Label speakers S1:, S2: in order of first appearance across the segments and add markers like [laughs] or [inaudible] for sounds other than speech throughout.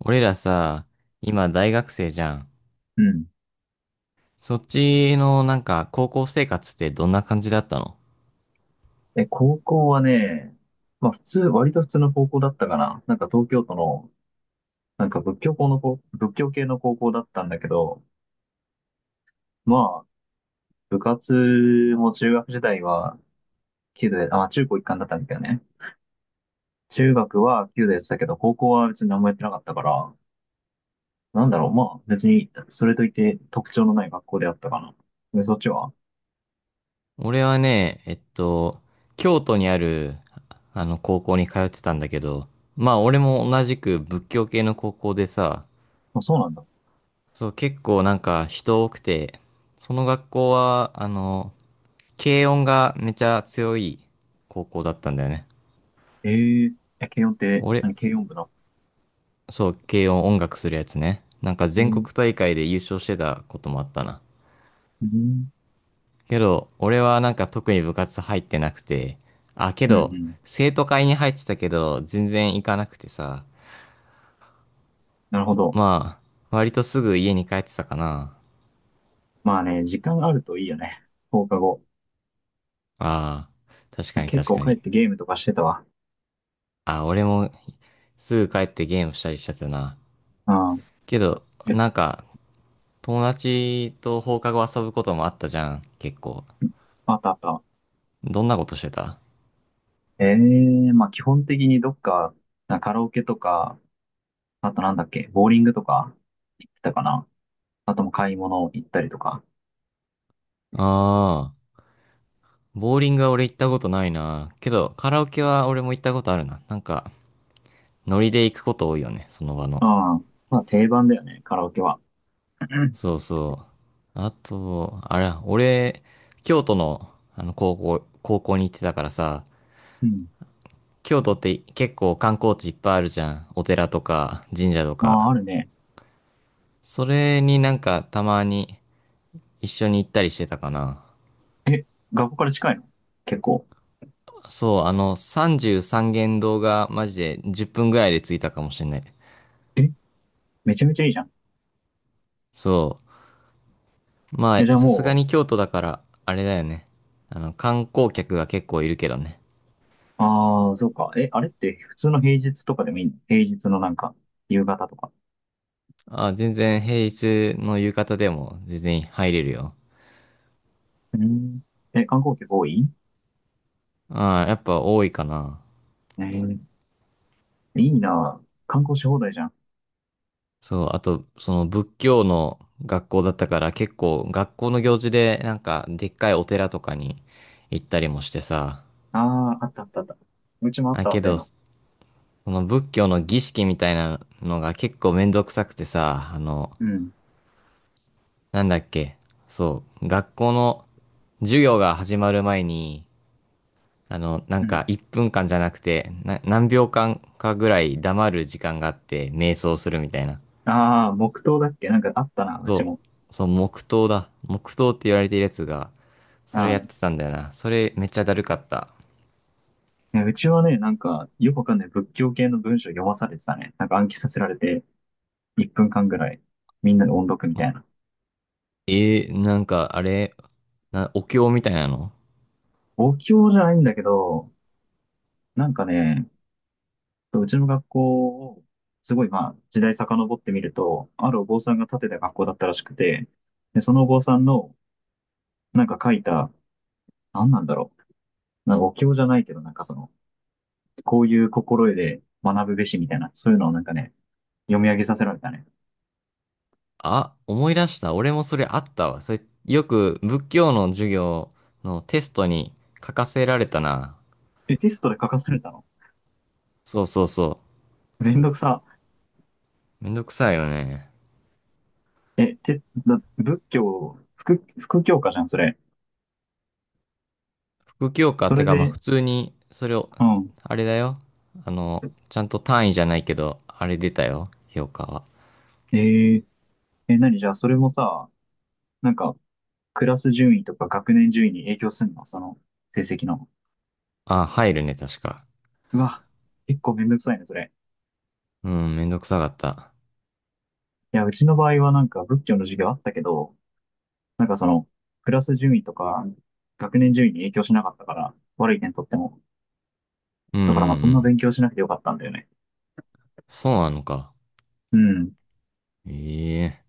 S1: 俺らさ、今大学生じゃん。
S2: うん。
S1: そっちのなんか高校生活ってどんな感じだったの？
S2: 高校はね、まあ普通、割と普通の高校だったかな。なんか東京都の、なんか仏教系の高校だったんだけど、まあ、部活も中学時代は弓道で、中高一貫だったんだけどね。中学は弓道やってたけど、高校は別に何もやってなかったから、なんだろう、まあ別に、それといって特徴のない学校であったかな。で、そっちは？
S1: 俺はね、京都にある、あの高校に通ってたんだけど、まあ俺も同じく仏教系の高校でさ。
S2: あ、そうなんだ。
S1: そう、結構なんか人多くて、その学校は、軽音がめちゃ強い高校だったんだよね。
S2: えええ、軽音って、
S1: 俺、
S2: 何、軽音部の？
S1: そう、軽音音楽するやつね。なんか
S2: え
S1: 全国
S2: ー
S1: 大会で優勝してたこともあったな。
S2: うん、
S1: けど、俺はなんか特に部活入ってなくて、あ、け
S2: うん、う
S1: ど、
S2: ん。
S1: 生徒会に入ってたけど、全然行かなくてさ、
S2: なるほど。
S1: まあ、割とすぐ家に帰ってたかな。
S2: まあね、時間あるといいよね。放課後。
S1: ああ、確かに
S2: 結
S1: 確
S2: 構
S1: か
S2: 帰っ
S1: に。
S2: てゲームとかしてたわ。
S1: あ、俺もすぐ帰ってゲームしたりしちゃったな。
S2: うん。
S1: けど、
S2: え、
S1: なんか、友達と放課後遊ぶこともあったじゃん、結構。
S2: あったあった。
S1: どんなことしてた？
S2: ええ、まあ基本的にどっか、カラオケとか、あとなんだっけ、ボーリングとか行ってたかな。あとも買い物行ったりとか。
S1: ああー、ボーリングは俺行ったことないな。けど、カラオケは俺も行ったことあるな。なんか、ノリで行くこと多いよね、その場
S2: うん。
S1: の。
S2: まあ定番だよね、カラオケは。う
S1: そうそう。あと、あれ、俺、京都の、高校に行ってたからさ、
S2: ん。
S1: 京都って結構観光地いっぱいあるじゃん。お寺とか、神社と
S2: ああ、
S1: か。
S2: あるね。
S1: それになんかたまに一緒に行ったりしてたかな。
S2: 学校から近いの？結構？
S1: そう、あの、33軒堂がマジで10分ぐらいで着いたかもしれない。
S2: え、めちゃめちゃいいじゃん。
S1: そう。ま
S2: え、じゃ
S1: あ、
S2: あ
S1: さすが
S2: も
S1: に京都だから、あれだよね。観光客が結構いるけどね。
S2: う、ああ、そうか。え、あれって普通の平日とかでもいいの？平日のなんか、夕方とか。
S1: あ、全然平日の夕方でも全然入れるよ。
S2: うん。え、観光客多い？
S1: ああ、やっぱ多いかな。
S2: えー、いいなぁ。観光し放題じゃん。
S1: そう、あと、その仏教の学校だったから結構学校の行事でなんかでっかいお寺とかに行ったりもしてさ。
S2: ああ、あったあったあった。うちもあっ
S1: あ、
S2: たわ、
S1: け
S2: そういう
S1: ど、
S2: の。
S1: その仏教の儀式みたいなのが結構めんどくさくてさ、
S2: うん。
S1: なんだっけ。そう、学校の授業が始まる前に、な
S2: う
S1: ん
S2: ん。
S1: か1分間じゃなくて、何秒間かぐらい黙る時間があって瞑想するみたいな。
S2: ああ、木刀だっけなんかあったな、うち
S1: そ
S2: も。
S1: う、そう、黙祷だ。黙祷って言われているやつが、それ
S2: あ
S1: やってたんだよな。それめっちゃだるかった。
S2: あ。うちはね、なんか、よくわかんない仏教系の文章読まされてたね。なんか暗記させられて、1分間ぐらい、みんなで音読みた
S1: ん
S2: いな。
S1: なんかあれ、お経みたいなの。
S2: お経じゃないんだけど、なんかね、うちの学校を、すごいまあ、時代遡ってみると、あるお坊さんが建てた学校だったらしくて、で、そのお坊さんのなんか書いた、何なんだろう。なんかお経じゃないけど、なんかその、こういう心得で学ぶべしみたいな、そういうのをなんかね、読み上げさせられたね。
S1: あ、思い出した。俺もそれあったわ。それ、よく仏教の授業のテストに書かせられたな。
S2: え、テストで書かされたの？
S1: そうそうそ
S2: めんどくさ。
S1: う。めんどくさいよね。
S2: え、仏教、副教科じゃん、それ。
S1: 不教科っ
S2: そ
S1: て
S2: れ
S1: か、まあ
S2: で、
S1: 普通に、それを、
S2: うん。
S1: あれだよ。ちゃんと単位じゃないけど、あれ出たよ。評価は。
S2: えー、え、何、じゃあ、それもさ、なんか、クラス順位とか学年順位に影響すんの？その、成績の。
S1: あ、入るね、確か。
S2: うわ、結構めんどくさいね、それ。
S1: うん、めんどくさかった。
S2: いや、うちの場合はなんか仏教の授業あったけど、なんかその、クラス順位とか、学年順位に影響しなかったから、悪い点取っても。
S1: うんうん
S2: だからまあそん
S1: う
S2: な勉
S1: ん。
S2: 強しなくてよかったんだよね。
S1: そうなのか。
S2: うん。
S1: ええ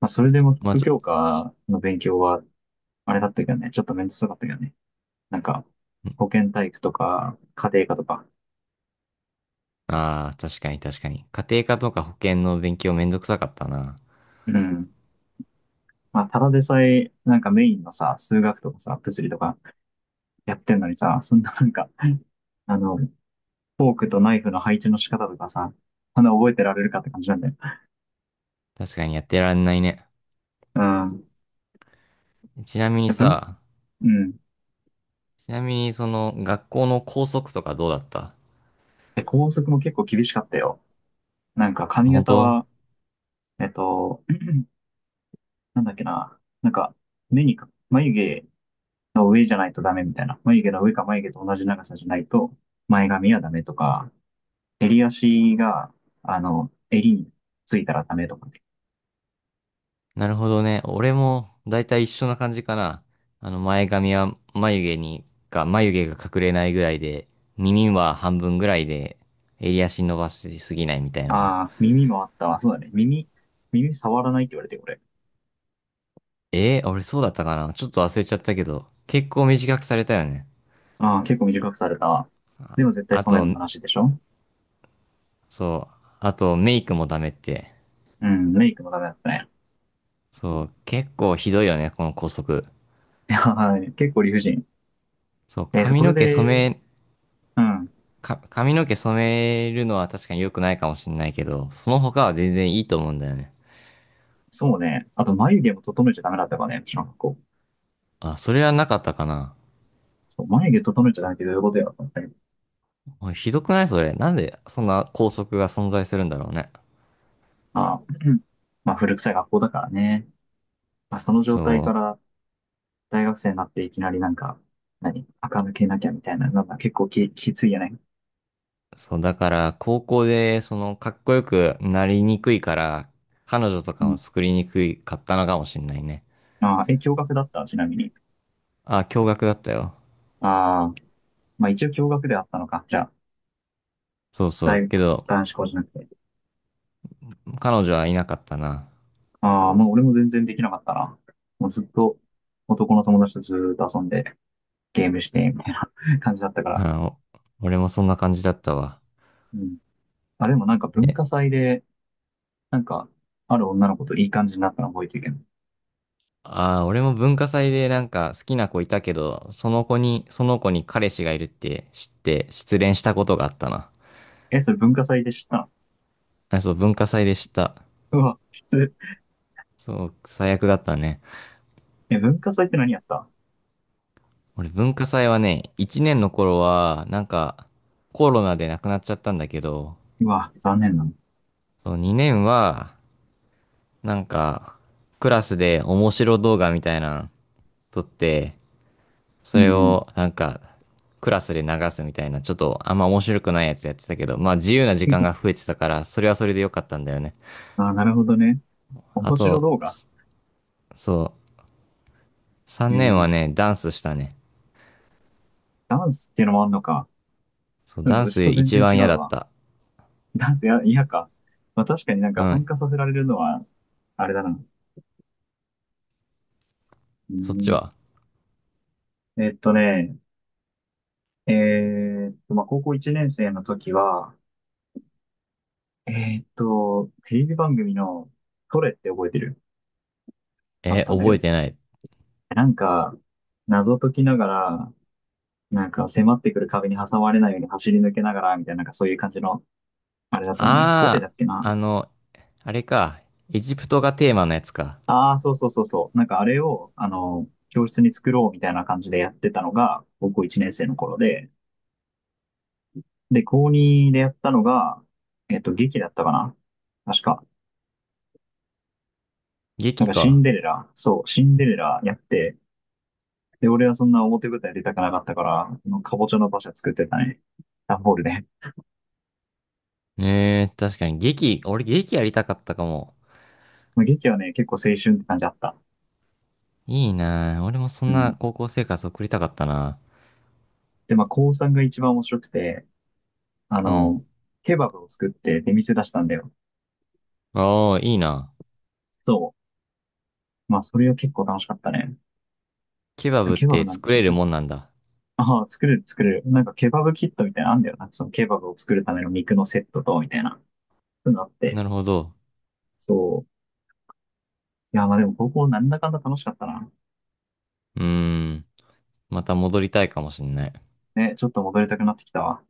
S2: まあそれでも
S1: まあ
S2: 副教科の勉強は、あれだったけどね、ちょっと面倒くさかったけどね。なんか、保健体育とか、家庭科とか。
S1: ああー、確かに確かに。家庭科とか保険の勉強めんどくさかったな。
S2: うん。まあただでさえ、なんかメインのさ、数学とかさ、物理とかやってんのにさ、そんななんか、あの、フォークとナイフの配置の仕方とかさ、そんな覚えてられるかって感じなんだよ。
S1: 確かにやってられないね。
S2: うん。
S1: ちなみに
S2: 文、
S1: さ、
S2: うん。
S1: ちなみにその学校の校則とかどうだった？
S2: で、校則も結構厳しかったよ。なんか髪
S1: 本
S2: 型
S1: 当？
S2: は、えっと、なんだっけな。なんか、目にか、眉毛の上じゃないとダメみたいな。眉毛の上か眉毛と同じ長さじゃないと、前髪はダメとか、襟足が、襟についたらダメとかね。
S1: なるほどね。俺もだいたい一緒な感じかな。あの前髪は眉毛が隠れないぐらいで、耳は半分ぐらいで、襟足伸ばしすぎないみたいなの。
S2: ああ、耳もあったわ。そうだね。耳触らないって言われて、俺。
S1: 俺そうだったかなちょっと忘れちゃったけど、結構短くされたよね。
S2: ああ、結構短くされたわ。でも絶対
S1: あ
S2: 染め
S1: と、
S2: るのなしでしょ？
S1: そう、あとメイクもダメって。
S2: うん、メイクもダメだったね。
S1: そう、結構ひどいよね、この校則。
S2: [laughs] いやー、結構理不尽。
S1: そう、
S2: これで、うん。
S1: 髪の毛染めるのは確かに良くないかもしれないけど、その他は全然いいと思うんだよね。
S2: そうね。あと、眉毛も整えちゃダメだったからね、私の学校。
S1: あ、それはなかったかな。
S2: そう、眉毛整えちゃダメってどういうことやろと思ったけど。
S1: おいひどくないそれ？なんでそんな校則が存在するんだろうね。
S2: まあ、[clears throat] うん。まあ、古臭い学校だからね。まあ、その状態か
S1: そ
S2: ら大学生になっていきなりなんか、何垢抜けなきゃみたいな、なんか結構きついよね。
S1: う。そう、だから、高校で、かっこよくなりにくいから、彼女と
S2: う
S1: かを
S2: ん。
S1: 作りにくいかったのかもしんないね。
S2: ああ、え、共学だった？ちなみに。
S1: あ、驚愕だったよ。
S2: ああ、まあ一応共学であったのか。じゃあ、
S1: そうそう。
S2: 大
S1: け
S2: 学の
S1: ど、
S2: 男子校じゃなくて。
S1: 彼女はいなかったな。
S2: ああ、もう俺も全然できなかったな。もうずっと男の友達とずーっと遊んでゲームしてみたいな [laughs] 感じだったから。
S1: あお俺もそんな感じだったわ。
S2: うん。あ、でもなんか文
S1: え、
S2: 化祭で、なんか、ある女の子といい感じになったの覚えてるけど。
S1: あー、俺も文化祭でなんか好きな子いたけど、その子に彼氏がいるって知って、失恋したことがあったな。
S2: え、それ文化祭でした？
S1: あ、そう、文化祭でした。
S2: うわ、きつ。
S1: そう、最悪だったね。
S2: え、文化祭って何やった？
S1: 俺、文化祭はね、1年の頃は、なんか、コロナで亡くなっちゃったんだけど、
S2: うわ、残念なの。
S1: そう2年は、なんか、クラスで面白動画みたいなの撮って、
S2: う
S1: そ
S2: んう
S1: れ
S2: ん。
S1: を、なんか、クラスで流すみたいな、ちょっと、あんま面白くないやつやってたけど、まあ、自由な時間が増
S2: [laughs]
S1: えてたから、それはそれで良かったんだよね。
S2: あ、なるほどね。
S1: あ
S2: 面白
S1: と、
S2: 動画。
S1: そう、
S2: え
S1: 3年は
S2: ー、
S1: ね、ダンスしたね。
S2: ダンスっていうのもあんのか。
S1: そう、
S2: なんか
S1: ダン
S2: うち
S1: ス
S2: と全
S1: 一
S2: 然違
S1: 番嫌
S2: う
S1: だっ
S2: わ。
S1: た。
S2: ダンスや、嫌か。まあ確かになん
S1: う
S2: か参
S1: ん。
S2: 加させられるのは、あれだな。う
S1: そっち
S2: ん。
S1: は？
S2: えっとね、えまあ高校1年生の時は、テレビ番組のトレって覚えてる？あったんだけ
S1: 覚え
S2: ど。
S1: てない。
S2: なんか、謎解きながら、なんか迫ってくる壁に挟まれないように走り抜けながら、みたいな、なんかそういう感じの、あれだったんだけど、トイレだ
S1: あ
S2: っけ
S1: あ、
S2: な。
S1: あれか。エジプトがテーマのやつか。
S2: ああ、そうそうそうそう。なんかあれを、教室に作ろうみたいな感じでやってたのが、高校1年生の頃で、で、高2でやったのが、劇だったかな。確か。なん
S1: 劇
S2: かシン
S1: か。
S2: デレラ、そう、シンデレラやって、で、俺はそんな表舞台出たくなかったから、あのかぼちゃの馬車作ってたね。段ボールで。
S1: ねえ、確かに劇、俺劇やりたかったかも。
S2: まあ、劇はね、結構青春って感じあった。
S1: いいなあ俺もそ
S2: う
S1: ん
S2: ん。
S1: な高校生活送りたかったな。
S2: で、まあ、高さんが一番面白くて、あ
S1: うん。
S2: の、ケバブを作って出店出したんだよ。
S1: ああ、いいな。
S2: そう。まあ、それは結構楽しかったね。
S1: ケバブっ
S2: ケバブ
S1: て
S2: なんて、
S1: 作れるもんなんだ。
S2: ああ、作れる作れる。なんかケバブキットみたいなのあんだよな。そのケバブを作るための肉のセットと、みたいな。そういうのあっ
S1: な
S2: て。
S1: るほど。
S2: そう。いや、まあでも高校なんだかんだ楽しかったな。
S1: うーん。また戻りたいかもしんない。
S2: ね、ちょっと戻りたくなってきたわ。